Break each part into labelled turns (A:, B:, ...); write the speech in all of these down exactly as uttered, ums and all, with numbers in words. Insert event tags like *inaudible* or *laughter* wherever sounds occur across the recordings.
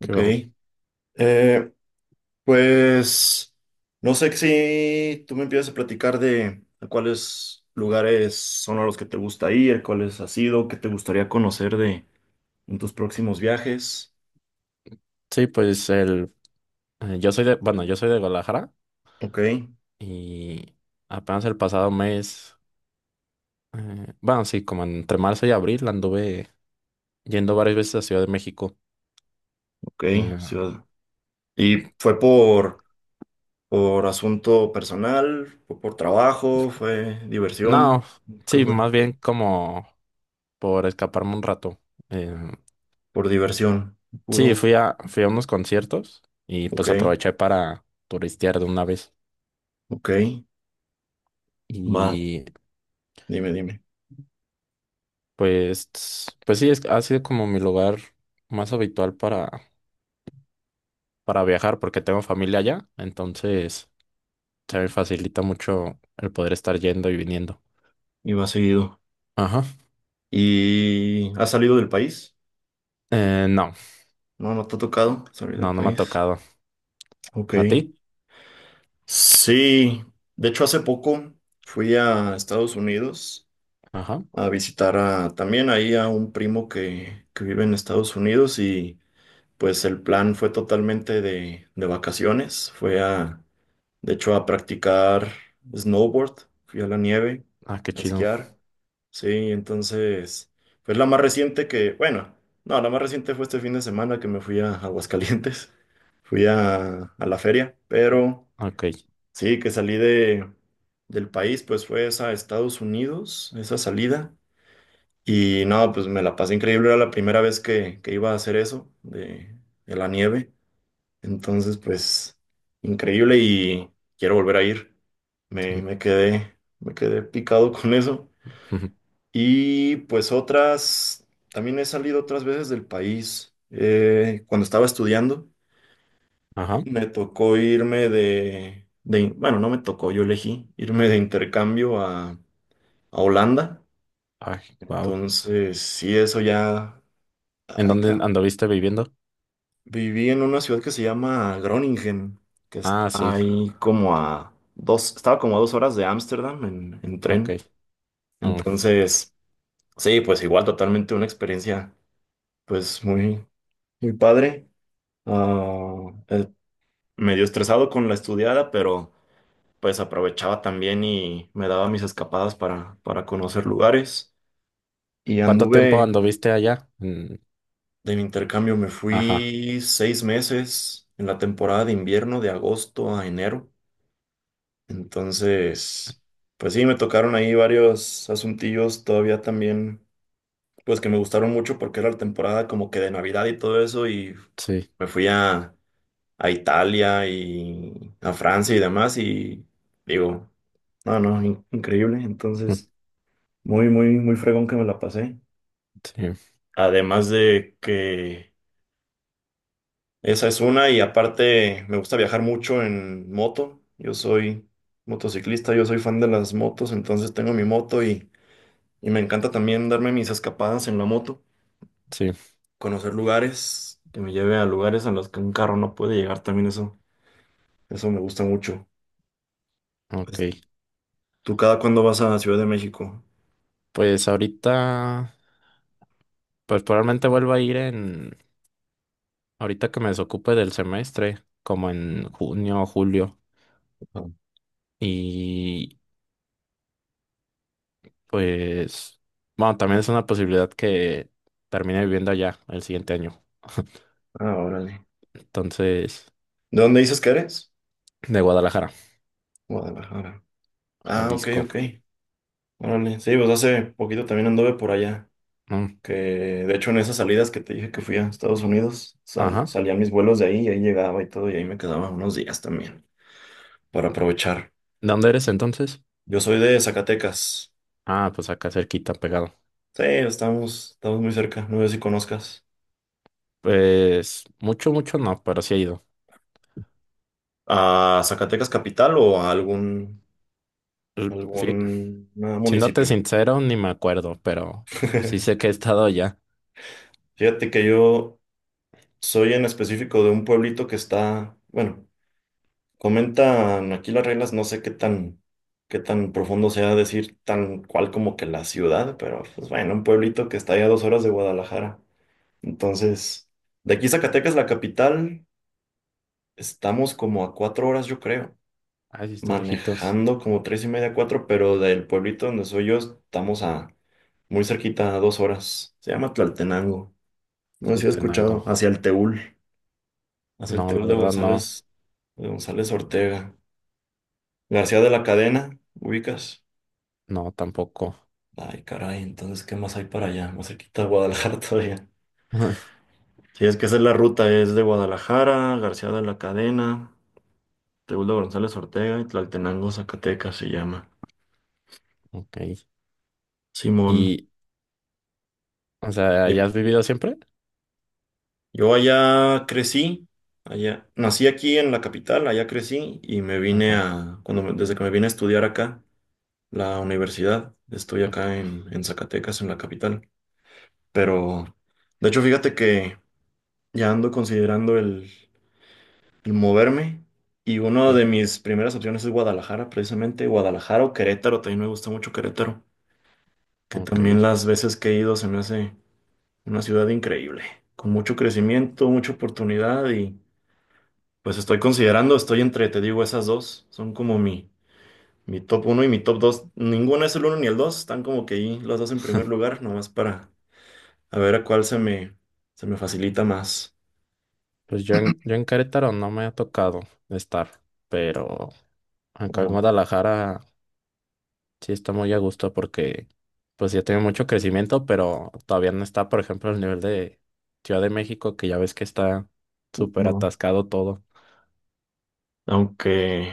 A: Qué bueno.
B: Eh, pues no sé si tú me empiezas a platicar de a cuáles lugares son a los que te gusta ir, cuáles has ido, qué te gustaría conocer de en tus próximos viajes.
A: Sí, pues el, eh, yo soy de, bueno, yo soy de Guadalajara
B: Ok,
A: y apenas el pasado mes, eh, bueno, sí, como entre marzo y abril anduve yendo varias veces a Ciudad de México.
B: ok.
A: Eh,
B: ciudad- ¿Y fue por, por asunto personal, fue por trabajo, fue diversión?
A: no,
B: ¿Qué
A: sí,
B: fue?
A: más bien como por escaparme un rato. Eh,
B: Por diversión,
A: sí, fui
B: puro.
A: a, fui a unos conciertos y
B: Ok,
A: pues aproveché para turistear de una vez.
B: ok. Va,
A: Y
B: dime, dime.
A: pues, pues sí, es- ha sido como mi lugar más habitual para para viajar porque tengo familia allá, entonces se me facilita mucho el poder estar yendo y viniendo.
B: Y va seguido.
A: Ajá.
B: ¿Y has salido del país?
A: Eh, no,
B: No, no te ha tocado salir del
A: no, no me ha
B: país.
A: tocado. ¿A ti?
B: Ok. Sí, de hecho hace poco fui a Estados Unidos
A: Ajá.
B: a visitar a, también ahí a un primo que, que vive en Estados Unidos y pues el plan fue totalmente de, de vacaciones. Fue a, De hecho, a practicar snowboard, fui a la nieve,
A: Ah, qué
B: a
A: chido.
B: esquiar. Sí, entonces, pues la más reciente que, bueno, no, la más reciente fue este fin de semana que me fui a Aguascalientes, *laughs* fui a, a la feria, pero
A: Ok.
B: sí, que salí de, del país, pues fue esa a Estados Unidos, esa salida, y no, pues me la pasé increíble, era la primera vez que, que iba a hacer eso, de, de la nieve, entonces, pues, increíble y quiero volver a ir. Me,
A: Sí.
B: me quedé, me quedé picado *laughs* con eso.
A: *laughs*
B: Y pues otras, también he salido otras veces del país. Eh, cuando estaba estudiando,
A: Ajá.
B: me tocó irme de, de, bueno, no me tocó, yo elegí irme de intercambio a, a Holanda.
A: Ay, wow.
B: Entonces, sí, eso ya,
A: ¿En
B: ay,
A: dónde
B: caramba.
A: anduviste viviendo?
B: Viví en una ciudad que se llama Groningen, que está
A: Ah, sí.
B: ahí como a dos, estaba como a dos horas de Ámsterdam en, en
A: Ok.
B: tren.
A: Oh.
B: Entonces, sí, pues igual totalmente una experiencia, pues muy, muy padre. Ah, eh, medio estresado con la estudiada, pero pues aprovechaba también y me daba mis escapadas para, para conocer lugares. Y
A: ¿Cuánto tiempo
B: anduve
A: anduviste allá? Mm.
B: de mi intercambio, me
A: Ajá.
B: fui seis meses en la temporada de invierno, de agosto a enero. Entonces, pues sí, me tocaron ahí varios asuntillos todavía también, pues que me gustaron mucho porque era la temporada como que de Navidad y todo eso y
A: Sí.
B: me fui a, a Italia y a Francia y demás y digo, no, no, in- increíble.
A: Mm.
B: Entonces, muy, muy, muy fregón que me la pasé.
A: Sí,
B: Además de que esa es una y aparte me gusta viajar mucho en moto. Yo soy motociclista, yo soy fan de las motos, entonces tengo mi moto y... Y me encanta también darme mis escapadas en la moto,
A: sí.
B: conocer lugares, que me lleve a lugares en los que un carro no puede llegar también eso. Eso me gusta mucho.
A: Ok.
B: Pues, ¿tú cada cuándo vas a Ciudad de México?
A: Pues ahorita, pues probablemente vuelva a ir en Ahorita que me desocupe del semestre, como en junio o julio,
B: Ah,
A: y pues, bueno, también es una posibilidad que termine viviendo allá el siguiente año. *laughs*
B: ah, órale.
A: Entonces,
B: ¿De dónde dices que eres?
A: de Guadalajara,
B: Guadalajara. Ah, ok,
A: Jalisco.
B: ok. Órale. Sí, pues hace poquito también anduve por allá.
A: Mm.
B: Que de hecho en esas salidas que te dije que fui a Estados Unidos, sal-
A: Ajá.
B: salían mis vuelos de ahí y ahí llegaba y todo, y ahí me quedaba unos días también para aprovechar.
A: ¿De dónde eres entonces?
B: Yo soy de Zacatecas.
A: Ah, pues acá cerquita, pegado.
B: Sí, estamos, estamos muy cerca, no sé si conozcas.
A: Pues mucho, mucho no, pero sí he ido.
B: ¿A Zacatecas capital o a algún,
A: L- Sí,
B: algún ah,
A: siéndote
B: municipio?
A: sincero, ni me acuerdo, pero sí sé
B: *laughs*
A: que he estado allá.
B: Fíjate que yo soy en específico de un pueblito que está, bueno, comentan aquí las reglas, no sé qué tan, qué tan profundo sea decir tan cual como que la ciudad, pero pues bueno, un pueblito que está ya a dos horas de Guadalajara. Entonces, de aquí Zacatecas, la capital, estamos como a cuatro horas, yo creo.
A: Ay, sí está lejitos.
B: Manejando como tres y media, cuatro, pero del pueblito donde soy yo estamos a muy cerquita, a dos horas. Se llama Tlaltenango. No sé si has
A: Tenango.
B: escuchado, hacia el Teúl, hacia el
A: No, la
B: Teúl de
A: verdad no,
B: González, de González Ortega. García de la Cadena, ubicas.
A: no tampoco.
B: Ay, caray, entonces, ¿qué más hay para allá? Más cerquita de Guadalajara *laughs* todavía.
A: Ajá.
B: Sí, es que esa es la ruta, es de Guadalajara, García de la Cadena, Teúl de González Ortega y Tlaltenango, Zacatecas se llama.
A: Ok.
B: Simón.
A: Y, o sea, ¿ya
B: Dime.
A: has vivido siempre?
B: Yo allá crecí, allá nací aquí en la capital, allá crecí y me vine
A: Ajá.
B: a, cuando me- desde que me vine a estudiar acá, la universidad, estoy acá
A: Ok.
B: en, en Zacatecas, en la capital. Pero, de hecho, fíjate que ya ando considerando el, el moverme y una
A: Ok.
B: de mis primeras opciones es Guadalajara, precisamente, Guadalajara o Querétaro, también me gusta mucho Querétaro, que
A: Ok.
B: también las veces que he ido se me hace una ciudad increíble, con mucho crecimiento, mucha oportunidad. Pues estoy considerando, estoy entre, te digo, esas dos. Son como mi, mi top uno y mi top dos. Ninguno es el uno ni el dos. Están como que ahí los dos en primer lugar, nomás para a ver a cuál se me, se me facilita más.
A: Pues yo en, yo en Querétaro no me ha tocado estar, pero acá en
B: Ajá.
A: Guadalajara sí está muy a gusto porque, pues ya tiene mucho crecimiento, pero todavía no está, por ejemplo, el nivel de Ciudad de México, que ya ves que está súper
B: No.
A: atascado todo.
B: Aunque,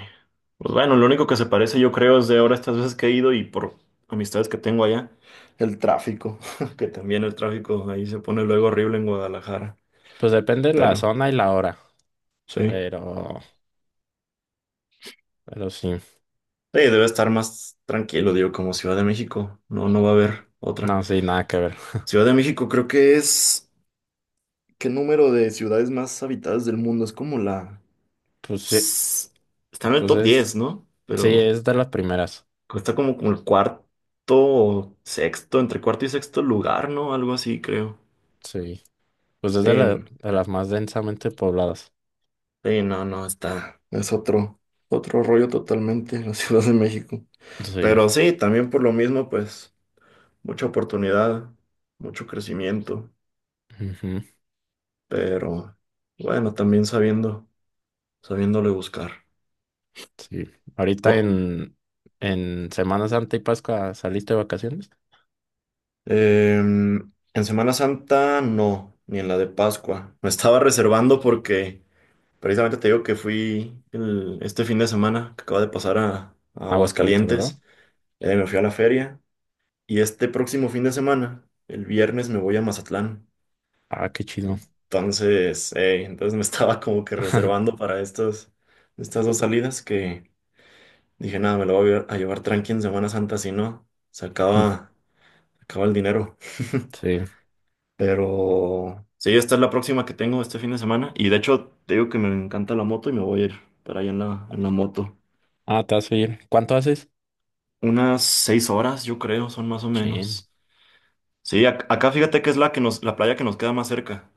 B: pues bueno, lo único que se parece yo creo es de ahora estas veces que he ido y por amistades que tengo allá, el tráfico, *laughs* que también el tráfico ahí se pone luego horrible en Guadalajara.
A: Pues depende de la
B: Pero
A: zona y la hora,
B: sí, sí,
A: pero, pero sí.
B: debe estar más tranquilo, digo, como Ciudad de México. No, no va a haber otra.
A: No, sí, nada que ver.
B: Ciudad de México creo que es... ¿Qué número de ciudades más habitadas del mundo? Es como la...
A: Pues sí,
B: s- Está en el
A: pues
B: top diez,
A: es,
B: ¿no?
A: sí,
B: Pero
A: es de las primeras.
B: está como, como el cuarto o sexto, entre cuarto y sexto lugar, ¿no? Algo así, creo.
A: Sí, pues es de, la-
B: Sí,
A: de las más densamente pobladas.
B: sí, no, no, está. Es otro, otro rollo totalmente la *laughs* Ciudad de México.
A: Sí,
B: Pero sí, también por lo mismo, pues, mucha oportunidad, mucho crecimiento.
A: ujú,
B: Pero bueno, también sabiendo, sabiéndole buscar.
A: sí. Ahorita en, en Semana Santa y Pascua saliste de vacaciones.
B: Em, en Semana Santa no, ni en la de Pascua. Me estaba reservando porque precisamente te digo que fui el- este fin de semana que acaba de pasar a, a
A: Aguascalientes, ¿verdad?
B: Aguascalientes. Eh, me fui a la feria y este próximo fin de semana, el viernes, me voy a Mazatlán.
A: Ah, qué chido.
B: Entonces, eh, entonces me *laughs* estaba como que reservando para estos, estas dos salidas que dije, nada, me lo voy a llevar tranqui en Semana Santa, si no, se
A: Mm.
B: acaba, se acaba el dinero. *laughs*
A: Sí.
B: Pero sí, esta es la próxima que tengo este fin de semana. Y de hecho, te digo que me encanta la moto y me voy a ir para allá en la, en la moto.
A: Ah, te vas a ir. ¿Cuánto haces?
B: Unas seis horas, yo creo, son más o
A: Chin.
B: menos. Sí, ac- acá fíjate que es la que nos, la playa que nos queda más cerca.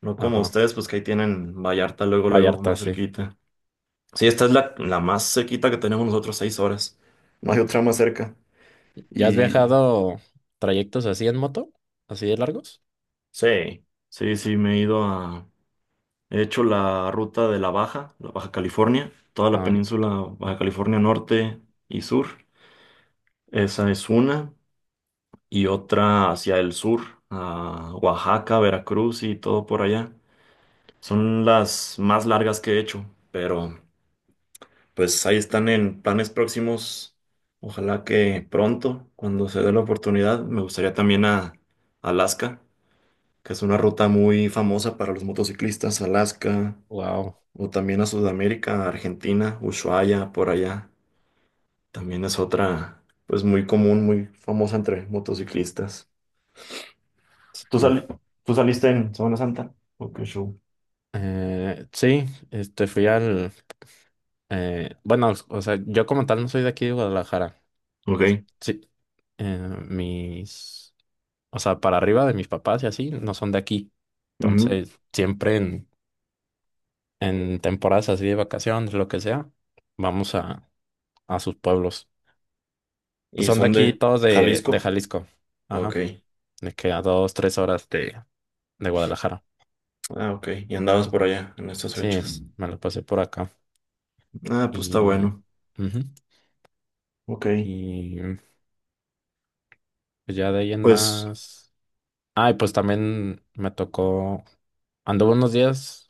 B: No como
A: Ajá.
B: ustedes, pues que ahí tienen Vallarta luego, luego,
A: Vallarta,
B: más
A: sí.
B: cerquita. Sí, esta es la, la más cerquita que tenemos nosotros, seis horas. No hay otra más cerca.
A: ¿Ya has
B: Y
A: viajado trayectos así en moto? ¿Así de largos?
B: sí, sí, sí, me he ido a. He hecho la ruta de la Baja, la Baja California, toda la
A: Ah,
B: península Baja California Norte y Sur. Esa es una. Y otra hacia el sur, a Oaxaca, Veracruz y todo por allá. Son las más largas que he hecho, pero pues ahí están en planes próximos. Ojalá que pronto, cuando se dé la oportunidad, me gustaría también a Alaska, que es una ruta muy famosa para los motociclistas. Alaska,
A: wow.
B: o también a Sudamérica, Argentina, Ushuaia, por allá. También es otra, pues muy común, muy famosa entre motociclistas.
A: Sí,
B: ¿Tú,
A: mm.
B: sali- Tú saliste en Semana Santa? Ok, show.
A: Eh, sí, este fui al. Eh, bueno, o sea, yo como tal no soy de aquí de Guadalajara. O s-
B: Ok.
A: sí, eh, mis, o sea, para arriba de mis papás y así, no son de aquí.
B: Ujú.
A: Entonces, siempre en, en temporadas así de vacaciones, lo que sea, vamos a, a sus pueblos. Pues
B: ¿Y
A: son de
B: son
A: aquí
B: de
A: todos de, de
B: Jalisco?
A: Jalisco. Ajá,
B: Ok.
A: de que a dos, tres horas de, de Guadalajara.
B: Ah, ok. ¿Y andabas
A: Y
B: por allá en estas
A: sí,
B: fechas?
A: me lo pasé por acá.
B: Ah, pues está
A: Y,
B: bueno.
A: Ujú,
B: Ok.
A: y pues ya de ahí en
B: Pues,
A: más. Ay, pues también me tocó, anduve unos días.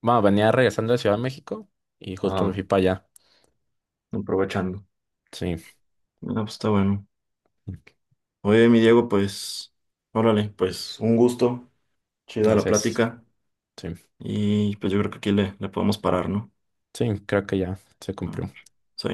A: Bueno, venía regresando de Ciudad de México y justo me
B: ah,
A: fui para allá.
B: aprovechando.
A: Sí,
B: Ah, pues está bueno. Oye, mi Diego, pues, órale, pues un gusto. Chida la
A: gracias.
B: plática.
A: Sí,
B: Y pues yo creo que aquí le, le podemos parar, ¿no?
A: sí, creo que ya se
B: A
A: cumplió.
B: ver, sí.